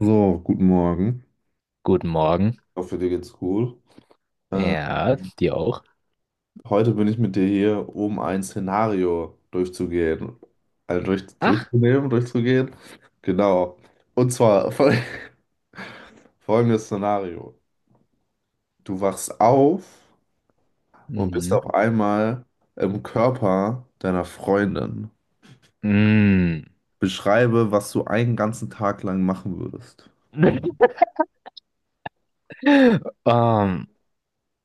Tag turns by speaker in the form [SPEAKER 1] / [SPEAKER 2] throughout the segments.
[SPEAKER 1] So, guten Morgen.
[SPEAKER 2] Guten Morgen.
[SPEAKER 1] Ich hoffe, dir geht's gut. Ähm,
[SPEAKER 2] Ja, dir auch.
[SPEAKER 1] Heute bin ich mit dir hier, um ein Szenario durchzugehen. Also
[SPEAKER 2] Ach,
[SPEAKER 1] durchzunehmen, durchzugehen. Genau. Und zwar folgendes Szenario. Du wachst auf und bist
[SPEAKER 2] mhm.
[SPEAKER 1] auf einmal im Körper deiner Freundin.
[SPEAKER 2] Mm.
[SPEAKER 1] Beschreibe, was du einen ganzen Tag lang machen würdest.
[SPEAKER 2] Ähm,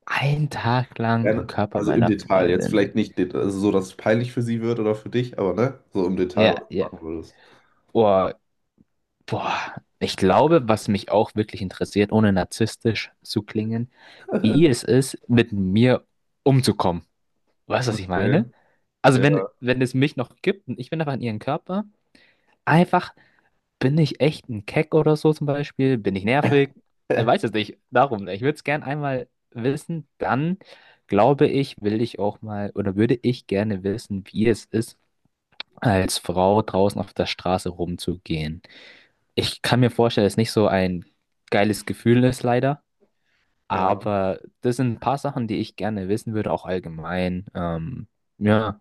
[SPEAKER 2] ein Tag lang im
[SPEAKER 1] Gerne.
[SPEAKER 2] Körper
[SPEAKER 1] Also im
[SPEAKER 2] meiner
[SPEAKER 1] Detail. Jetzt
[SPEAKER 2] Freundin.
[SPEAKER 1] vielleicht nicht also so, dass es peinlich für sie wird oder für dich, aber ne? So im Detail,
[SPEAKER 2] Ja,
[SPEAKER 1] was du
[SPEAKER 2] ja.
[SPEAKER 1] machen würdest.
[SPEAKER 2] Oh, boah. Ich glaube, was mich auch wirklich interessiert, ohne narzisstisch zu klingen, wie es ist, mit mir umzukommen. Weißt du, was ich
[SPEAKER 1] Okay.
[SPEAKER 2] meine? Also wenn,
[SPEAKER 1] Ja,
[SPEAKER 2] wenn es mich noch gibt und ich bin einfach in ihren Körper, einfach. Bin ich echt ein Keck oder so zum Beispiel? Bin ich nervig? Ich weiß es nicht. Darum, ich würde es gern einmal wissen. Dann glaube ich, will ich auch mal oder würde ich gerne wissen, wie es ist, als Frau draußen auf der Straße rumzugehen. Ich kann mir vorstellen, dass es nicht so ein geiles Gefühl ist, leider.
[SPEAKER 1] ja,
[SPEAKER 2] Aber das sind ein paar Sachen, die ich gerne wissen würde, auch allgemein. Ja.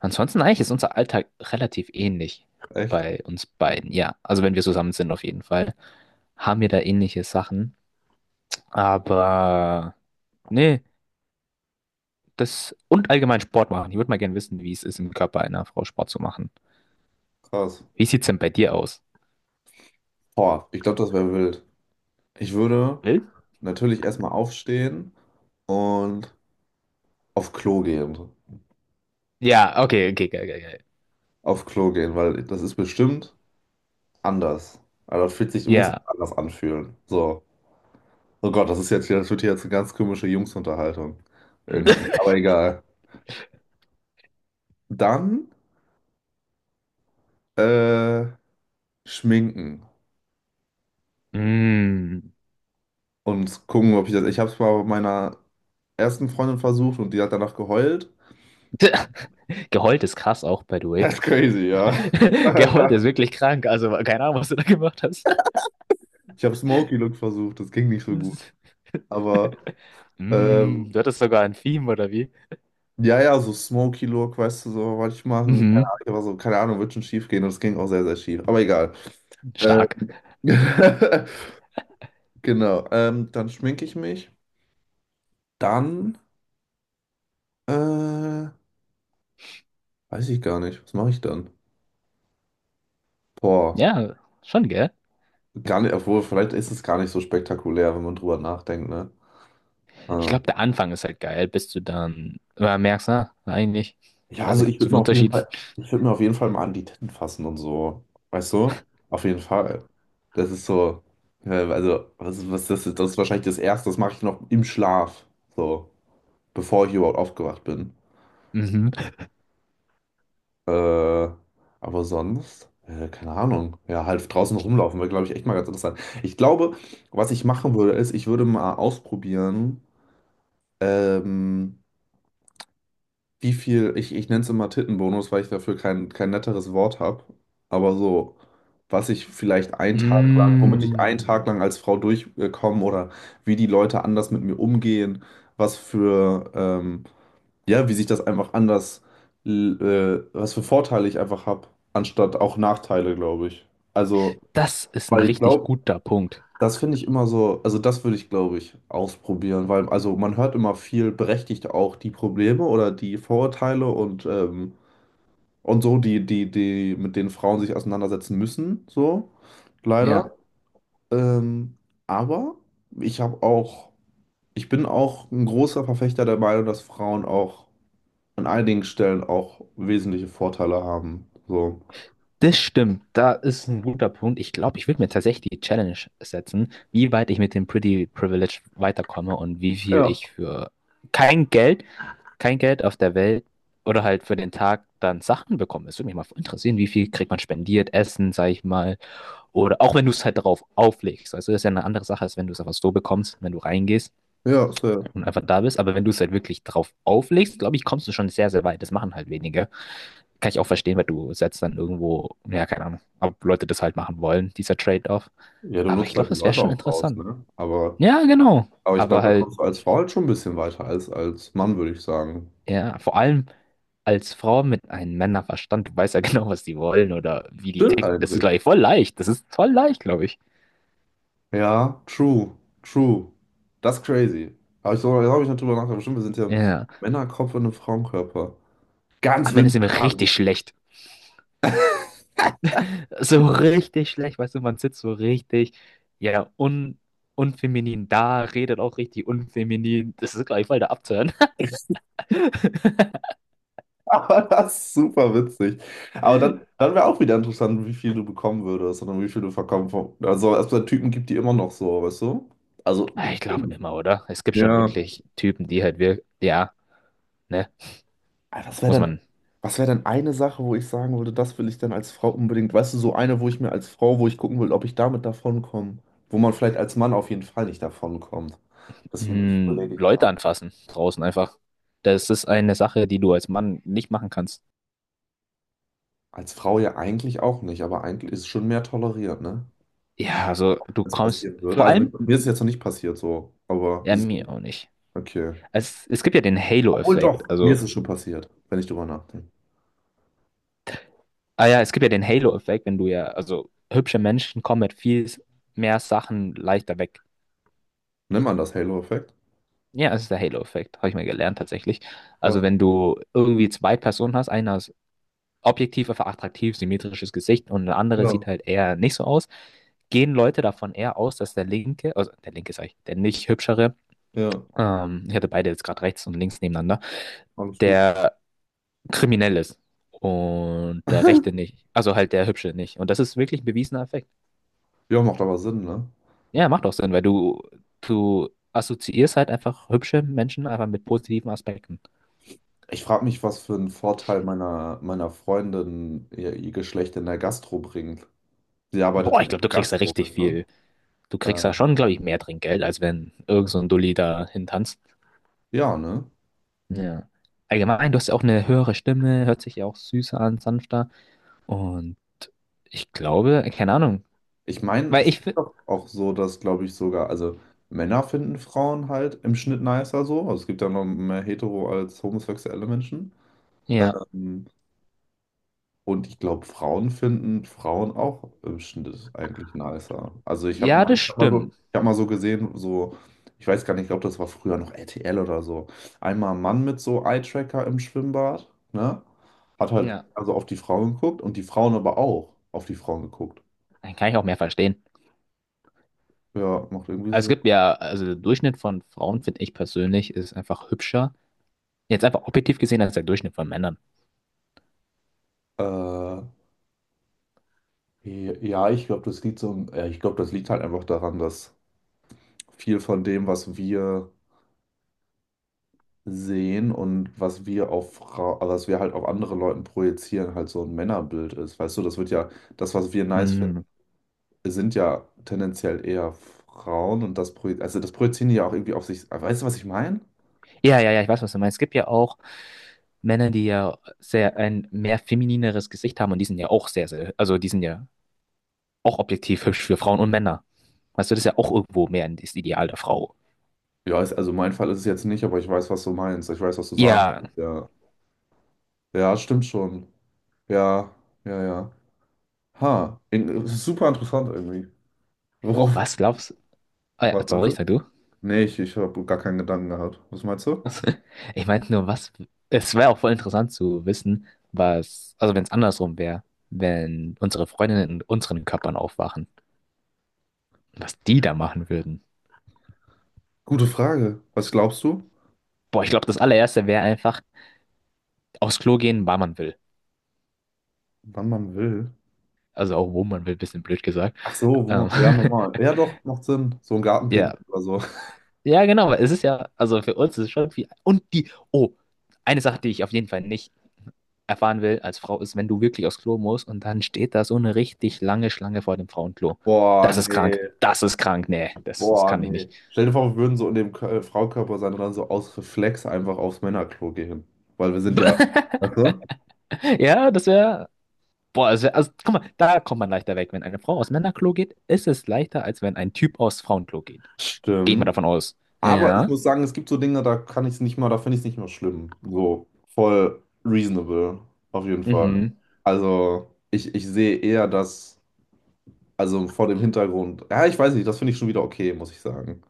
[SPEAKER 2] Ansonsten eigentlich ist unser Alltag relativ ähnlich
[SPEAKER 1] echt
[SPEAKER 2] bei uns beiden. Ja, also wenn wir zusammen sind auf jeden Fall, haben wir da ähnliche Sachen. Aber nee, das und allgemein Sport machen. Ich würde mal gerne wissen, wie es ist, im Körper einer Frau Sport zu machen.
[SPEAKER 1] krass.
[SPEAKER 2] Wie sieht's denn bei dir aus?
[SPEAKER 1] Boah, ich glaube, das wäre wild. Ich würde
[SPEAKER 2] Will?
[SPEAKER 1] natürlich erstmal aufstehen und auf Klo gehen.
[SPEAKER 2] Ja, okay, okay, geil, geil, geil.
[SPEAKER 1] Auf Klo gehen, weil das ist bestimmt anders. Also das fühlt sich, muss sich
[SPEAKER 2] Ja.
[SPEAKER 1] anders anfühlen. So. Oh Gott, das ist jetzt hier, das wird hier jetzt eine ganz komische Jungsunterhaltung. Irgendwie. Aber egal. Dann äh, schminken
[SPEAKER 2] Mm.
[SPEAKER 1] und gucken, ob ich das. Ich habe es mal bei meiner ersten Freundin versucht und die hat danach geheult.
[SPEAKER 2] Geheult ist krass auch, by the
[SPEAKER 1] Das ist crazy, ja.
[SPEAKER 2] way. Geheult ist wirklich krank. Also keine Ahnung, was du da gemacht hast.
[SPEAKER 1] Ich habe Smoky Look versucht, das ging nicht so gut. Aber
[SPEAKER 2] Mm,
[SPEAKER 1] ähm,
[SPEAKER 2] du hattest sogar ein Theme, oder wie?
[SPEAKER 1] ja, ja, so Smoky Look, weißt du, so wollte ich machen. Keine
[SPEAKER 2] Mhm,
[SPEAKER 1] Ahnung, aber so, keine Ahnung, wird schon schief gehen und es ging auch sehr, sehr schief. Aber egal. Ähm,
[SPEAKER 2] stark.
[SPEAKER 1] genau. Dann schminke ich mich. Dann äh, weiß ich gar nicht. Was mache ich dann? Boah,
[SPEAKER 2] Ja, schon, gell?
[SPEAKER 1] gar nicht, obwohl, vielleicht ist es gar nicht so spektakulär, wenn man drüber nachdenkt, ne?
[SPEAKER 2] Ich
[SPEAKER 1] Ah.
[SPEAKER 2] glaube, der Anfang ist halt geil, bis du dann merkst, na, eigentlich,
[SPEAKER 1] Ja,
[SPEAKER 2] weiß
[SPEAKER 1] also
[SPEAKER 2] nicht,
[SPEAKER 1] ich
[SPEAKER 2] so
[SPEAKER 1] würde mir
[SPEAKER 2] viel
[SPEAKER 1] auf jeden
[SPEAKER 2] Unterschied.
[SPEAKER 1] Fall, ich würde mir auf jeden Fall mal an die Titten fassen und so. Weißt du? Auf jeden Fall. Das ist so, also, was das ist wahrscheinlich das Erste, das mache ich noch im Schlaf. So, bevor ich überhaupt aufgewacht bin.
[SPEAKER 2] Mhm.
[SPEAKER 1] Äh, aber sonst, keine Ahnung. Ja, halt draußen rumlaufen wäre, glaube ich, echt mal ganz interessant. Ich glaube, was ich machen würde, ist, ich würde mal ausprobieren, ähm, wie viel, ich nenne es immer Tittenbonus, weil ich dafür kein netteres Wort habe, aber so, was ich vielleicht einen Tag lang, womit ich einen
[SPEAKER 2] Mm,
[SPEAKER 1] Tag lang als Frau durchkomme oder wie die Leute anders mit mir umgehen, was für, ja, wie sich das einfach anders, l- was für Vorteile ich einfach habe, anstatt auch Nachteile, glaube ich. Also,
[SPEAKER 2] das ist ein
[SPEAKER 1] weil ich
[SPEAKER 2] richtig
[SPEAKER 1] glaube,
[SPEAKER 2] guter Punkt.
[SPEAKER 1] das finde ich immer so, also das würde ich, glaube ich, ausprobieren, weil also man hört immer viel berechtigt auch die Probleme oder die Vorurteile und so, die mit denen Frauen sich auseinandersetzen müssen, so, leider.
[SPEAKER 2] Ja,
[SPEAKER 1] Ähm, aber ich habe auch, ich bin auch ein großer Verfechter der Meinung, dass Frauen auch an einigen Stellen auch wesentliche Vorteile haben, so.
[SPEAKER 2] das stimmt. Da ist ein guter Punkt. Ich glaube, ich würde mir tatsächlich die Challenge setzen, wie weit ich mit dem Pretty Privilege weiterkomme und wie viel ich
[SPEAKER 1] Ja.
[SPEAKER 2] für kein Geld kein Geld auf der Welt oder halt für den Tag dann Sachen bekommen. Es würde mich mal interessieren, wie viel kriegt man spendiert, Essen, sag ich mal. Oder auch wenn du es halt darauf auflegst. Also das ist ja eine andere Sache, als wenn du es einfach so bekommst, wenn du reingehst
[SPEAKER 1] Ja, safe.
[SPEAKER 2] und einfach da bist. Aber wenn du es halt wirklich drauf auflegst, glaube ich, kommst du schon sehr, sehr weit. Das machen halt wenige. Kann ich auch verstehen, weil du setzt dann irgendwo, ja, keine Ahnung, ob Leute das halt machen wollen, dieser Trade-off.
[SPEAKER 1] Ja, du
[SPEAKER 2] Aber ich
[SPEAKER 1] nutzt
[SPEAKER 2] glaube,
[SPEAKER 1] halt die
[SPEAKER 2] das wäre
[SPEAKER 1] Leute
[SPEAKER 2] schon
[SPEAKER 1] auch aus,
[SPEAKER 2] interessant.
[SPEAKER 1] ne? Aber.
[SPEAKER 2] Ja, genau.
[SPEAKER 1] Aber ich
[SPEAKER 2] Aber
[SPEAKER 1] glaube, da
[SPEAKER 2] halt,
[SPEAKER 1] kommst du als Frau halt schon ein bisschen weiter als Mann, würde ich sagen.
[SPEAKER 2] ja, vor allem als Frau mit einem Männerverstand, du weißt ja genau, was die wollen oder wie die
[SPEAKER 1] Stimmt
[SPEAKER 2] ticken. Das ist,
[SPEAKER 1] eigentlich.
[SPEAKER 2] glaube ich, voll leicht. Das ist voll leicht, glaube ich.
[SPEAKER 1] Ja, true, true. Das ist crazy. Habe ich so, da habe ich nicht drüber nachgedacht. Bestimmt, wir sind ja ein
[SPEAKER 2] Ja.
[SPEAKER 1] Männerkopf in einem Frauenkörper. Ganz
[SPEAKER 2] Am Ende
[SPEAKER 1] wild.
[SPEAKER 2] sind wir richtig schlecht. So richtig schlecht, weißt du, man sitzt so richtig, ja, un unfeminin da, redet auch richtig unfeminin. Das ist, glaube ich, voll der Abturn.
[SPEAKER 1] Aber das ist super witzig. Aber dann wäre auch wieder interessant, wie viel du bekommen würdest und wie viel du verkaufen. Also, es gibt Typen gibt, die immer noch so, weißt du? Also,
[SPEAKER 2] Ah, ich glaube immer, oder? Es gibt schon
[SPEAKER 1] ja.
[SPEAKER 2] wirklich Typen, die halt wir, ja, ne,
[SPEAKER 1] Ah, was wäre
[SPEAKER 2] muss
[SPEAKER 1] dann,
[SPEAKER 2] man.
[SPEAKER 1] was wär dann eine Sache, wo ich sagen würde, das will ich dann als Frau unbedingt, weißt du, so eine, wo ich mir als Frau, wo ich gucken will, ob ich damit davonkomme, wo man vielleicht als Mann auf jeden Fall nicht davonkommt. Das ich überlege
[SPEAKER 2] Hm,
[SPEAKER 1] ich gerade.
[SPEAKER 2] Leute anfassen draußen einfach. Das ist eine Sache, die du als Mann nicht machen kannst.
[SPEAKER 1] Als Frau ja eigentlich auch nicht, aber eigentlich ist es schon mehr toleriert, ne?
[SPEAKER 2] Ja, also du
[SPEAKER 1] Wenn es
[SPEAKER 2] kommst
[SPEAKER 1] passieren würde.
[SPEAKER 2] vor
[SPEAKER 1] Also mir
[SPEAKER 2] allem,
[SPEAKER 1] ist es jetzt noch nicht passiert so, aber
[SPEAKER 2] ja,
[SPEAKER 1] es ist,
[SPEAKER 2] mir auch nicht.
[SPEAKER 1] okay.
[SPEAKER 2] Es gibt ja den
[SPEAKER 1] Obwohl
[SPEAKER 2] Halo-Effekt.
[SPEAKER 1] doch, mir
[SPEAKER 2] Also,
[SPEAKER 1] ist es schon passiert, wenn ich drüber nachdenke.
[SPEAKER 2] ah ja, es gibt ja den Halo-Effekt, wenn du ja, also hübsche Menschen kommen mit viel mehr Sachen leichter weg.
[SPEAKER 1] Nimm man das Halo-Effekt?
[SPEAKER 2] Ja, es ist der Halo-Effekt, habe ich mal gelernt tatsächlich. Also,
[SPEAKER 1] Krass.
[SPEAKER 2] wenn du irgendwie zwei Personen hast, einer objektiv einfach attraktiv, symmetrisches Gesicht und eine andere
[SPEAKER 1] Ja,
[SPEAKER 2] sieht halt eher nicht so aus, gehen Leute davon eher aus, dass der linke, also der linke sag ich, der nicht hübschere,
[SPEAKER 1] ja,
[SPEAKER 2] ich hatte beide jetzt gerade rechts und links nebeneinander,
[SPEAKER 1] alles gut.
[SPEAKER 2] der kriminell ist und der rechte nicht, also halt der hübsche nicht. Und das ist wirklich ein bewiesener Effekt.
[SPEAKER 1] Ja, macht aber Sinn, ne?
[SPEAKER 2] Ja, macht auch Sinn, weil du assoziierst halt einfach hübsche Menschen einfach mit positiven Aspekten.
[SPEAKER 1] Ich frage mich, was für einen Vorteil meiner Freundin ihr Geschlecht in der Gastro bringt. Sie arbeitet
[SPEAKER 2] Boah, ich
[SPEAKER 1] halt in
[SPEAKER 2] glaube, du
[SPEAKER 1] der
[SPEAKER 2] kriegst da
[SPEAKER 1] Gastro,
[SPEAKER 2] richtig
[SPEAKER 1] ne?
[SPEAKER 2] viel. Du kriegst da
[SPEAKER 1] Äh,
[SPEAKER 2] schon, glaube ich, mehr Trinkgeld, als wenn irgend so ein Dulli da hintanzt.
[SPEAKER 1] ja, ne?
[SPEAKER 2] Ja. Allgemein, du hast ja auch eine höhere Stimme, hört sich ja auch süßer an, sanfter. Und ich glaube, keine Ahnung.
[SPEAKER 1] Ich meine,
[SPEAKER 2] Weil
[SPEAKER 1] es ist
[SPEAKER 2] ich finde,
[SPEAKER 1] doch auch so, dass, glaube ich, sogar, also Männer finden Frauen halt im Schnitt nicer so. Also es gibt ja noch mehr hetero als homosexuelle Menschen.
[SPEAKER 2] ja,
[SPEAKER 1] Ähm, Und ich glaube, Frauen finden Frauen auch im Schnitt eigentlich nicer. Also ich habe
[SPEAKER 2] ja,
[SPEAKER 1] mal,
[SPEAKER 2] das
[SPEAKER 1] ich hab mal so,
[SPEAKER 2] stimmt.
[SPEAKER 1] ich hab mal so gesehen, so, ich weiß gar nicht, ich glaube, das war früher noch RTL oder so. Einmal ein Mann mit so Eye-Tracker im Schwimmbad, ne? Hat halt
[SPEAKER 2] Ja.
[SPEAKER 1] also auf die Frauen geguckt und die Frauen aber auch auf die Frauen geguckt.
[SPEAKER 2] Dann kann ich auch mehr verstehen.
[SPEAKER 1] Ja, macht irgendwie
[SPEAKER 2] Also es
[SPEAKER 1] Sinn.
[SPEAKER 2] gibt ja, also der Durchschnitt von Frauen, finde ich persönlich, ist einfach hübscher. Jetzt einfach objektiv gesehen als der Durchschnitt von Männern.
[SPEAKER 1] Äh, ja, ich glaube, das liegt so, ja, ich glaube, das liegt halt einfach daran, dass viel von dem, was wir sehen und was wir auf Frau, also was wir halt auf andere Leuten projizieren, halt so ein Männerbild ist. Weißt du, das wird ja, das, was wir nice finden,
[SPEAKER 2] Hm.
[SPEAKER 1] sind ja tendenziell eher Frauen und das projizieren, also das projizieren die ja auch irgendwie auf sich. Weißt du, was ich meine?
[SPEAKER 2] Ja, ja, ja, ich weiß, was du meinst. Es gibt ja auch Männer, die ja sehr ein mehr feminineres Gesicht haben und die sind ja auch sehr, sehr, also die sind ja auch objektiv hübsch für Frauen und Männer. Weißt du, das ist ja auch irgendwo mehr das Ideal der Frau.
[SPEAKER 1] Ja, ist, also mein Fall ist es jetzt nicht, aber ich weiß, was du meinst. Ich weiß, was du sagen
[SPEAKER 2] Ja,
[SPEAKER 1] willst. Ja, ja, stimmt schon. Ja, ja, ja. Ha, in, super interessant irgendwie. Worauf?
[SPEAKER 2] was glaubst du? Ah, ja,
[SPEAKER 1] Was meinst
[SPEAKER 2] sorry,
[SPEAKER 1] du?
[SPEAKER 2] sag du.
[SPEAKER 1] Nee, ich habe gar keinen Gedanken gehabt. Was meinst du?
[SPEAKER 2] Ich meinte nur, was. Es wäre auch voll interessant zu wissen, was. Also, wenn es andersrum wäre, wenn unsere Freundinnen in unseren Körpern aufwachen, was die da machen würden.
[SPEAKER 1] Gute Frage. Was glaubst du?
[SPEAKER 2] Boah, ich glaube, das allererste wäre einfach aufs Klo gehen, wann man will.
[SPEAKER 1] Wann man will.
[SPEAKER 2] Also, auch wo man will, bisschen blöd gesagt.
[SPEAKER 1] Ach so, wo
[SPEAKER 2] Ähm,
[SPEAKER 1] man, ja, normal. Ja, doch, macht Sinn. So ein
[SPEAKER 2] ja.
[SPEAKER 1] Gartenpicknick oder so.
[SPEAKER 2] Ja, genau, weil es ist ja. Also, für uns ist es schon viel. Und die. Oh, eine Sache, die ich auf jeden Fall nicht erfahren will als Frau, ist, wenn du wirklich aufs Klo musst und dann steht da so eine richtig lange Schlange vor dem Frauenklo.
[SPEAKER 1] Boah,
[SPEAKER 2] Das ist
[SPEAKER 1] nee,
[SPEAKER 2] krank. Das ist krank. Nee, das, das
[SPEAKER 1] boah,
[SPEAKER 2] kann ich
[SPEAKER 1] nee.
[SPEAKER 2] nicht.
[SPEAKER 1] Stell dir vor, wir würden so in dem Fraukörper sein und dann so aus Reflex einfach aufs Männerklo gehen. Weil wir sind ja. Weißt du?
[SPEAKER 2] Ja, das wäre. Boah, das wär, also guck mal, da kommt man leichter weg. Wenn eine Frau aus Männerklo geht, ist es leichter, als wenn ein Typ aus Frauenklo geht. Gehe ich mal
[SPEAKER 1] Stimmt.
[SPEAKER 2] davon aus.
[SPEAKER 1] Aber ich
[SPEAKER 2] Ja.
[SPEAKER 1] muss sagen, es gibt so Dinge, da kann ich es nicht mal, da finde ich es nicht mehr schlimm. So, voll reasonable, auf jeden Fall.
[SPEAKER 2] Mhm.
[SPEAKER 1] Also, ich sehe eher, dass. Also vor dem Hintergrund. Ja, ich weiß nicht, das finde ich schon wieder okay, muss ich sagen.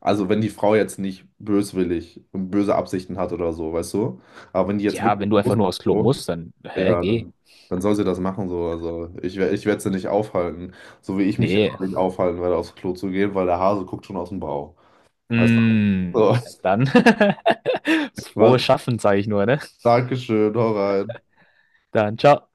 [SPEAKER 1] Also wenn die Frau jetzt nicht böswillig und böse Absichten hat oder so, weißt du? Aber wenn die jetzt
[SPEAKER 2] Ja,
[SPEAKER 1] wirklich
[SPEAKER 2] wenn du einfach
[SPEAKER 1] bewusst
[SPEAKER 2] nur aufs Klo
[SPEAKER 1] so,
[SPEAKER 2] musst, dann, hä,
[SPEAKER 1] ja,
[SPEAKER 2] geh.
[SPEAKER 1] dann, dann soll sie das machen so. Also ich, ich werde sie nicht aufhalten. So wie ich mich jetzt
[SPEAKER 2] Nee.
[SPEAKER 1] auch nicht aufhalten werde, aufs Klo zu gehen, weil der Hase guckt schon aus dem Bauch. Weißt du?
[SPEAKER 2] Mm,
[SPEAKER 1] So.
[SPEAKER 2] dann,
[SPEAKER 1] Was?
[SPEAKER 2] frohes Schaffen, sage ich nur, ne?
[SPEAKER 1] Dankeschön, hau rein.
[SPEAKER 2] Dann, ciao.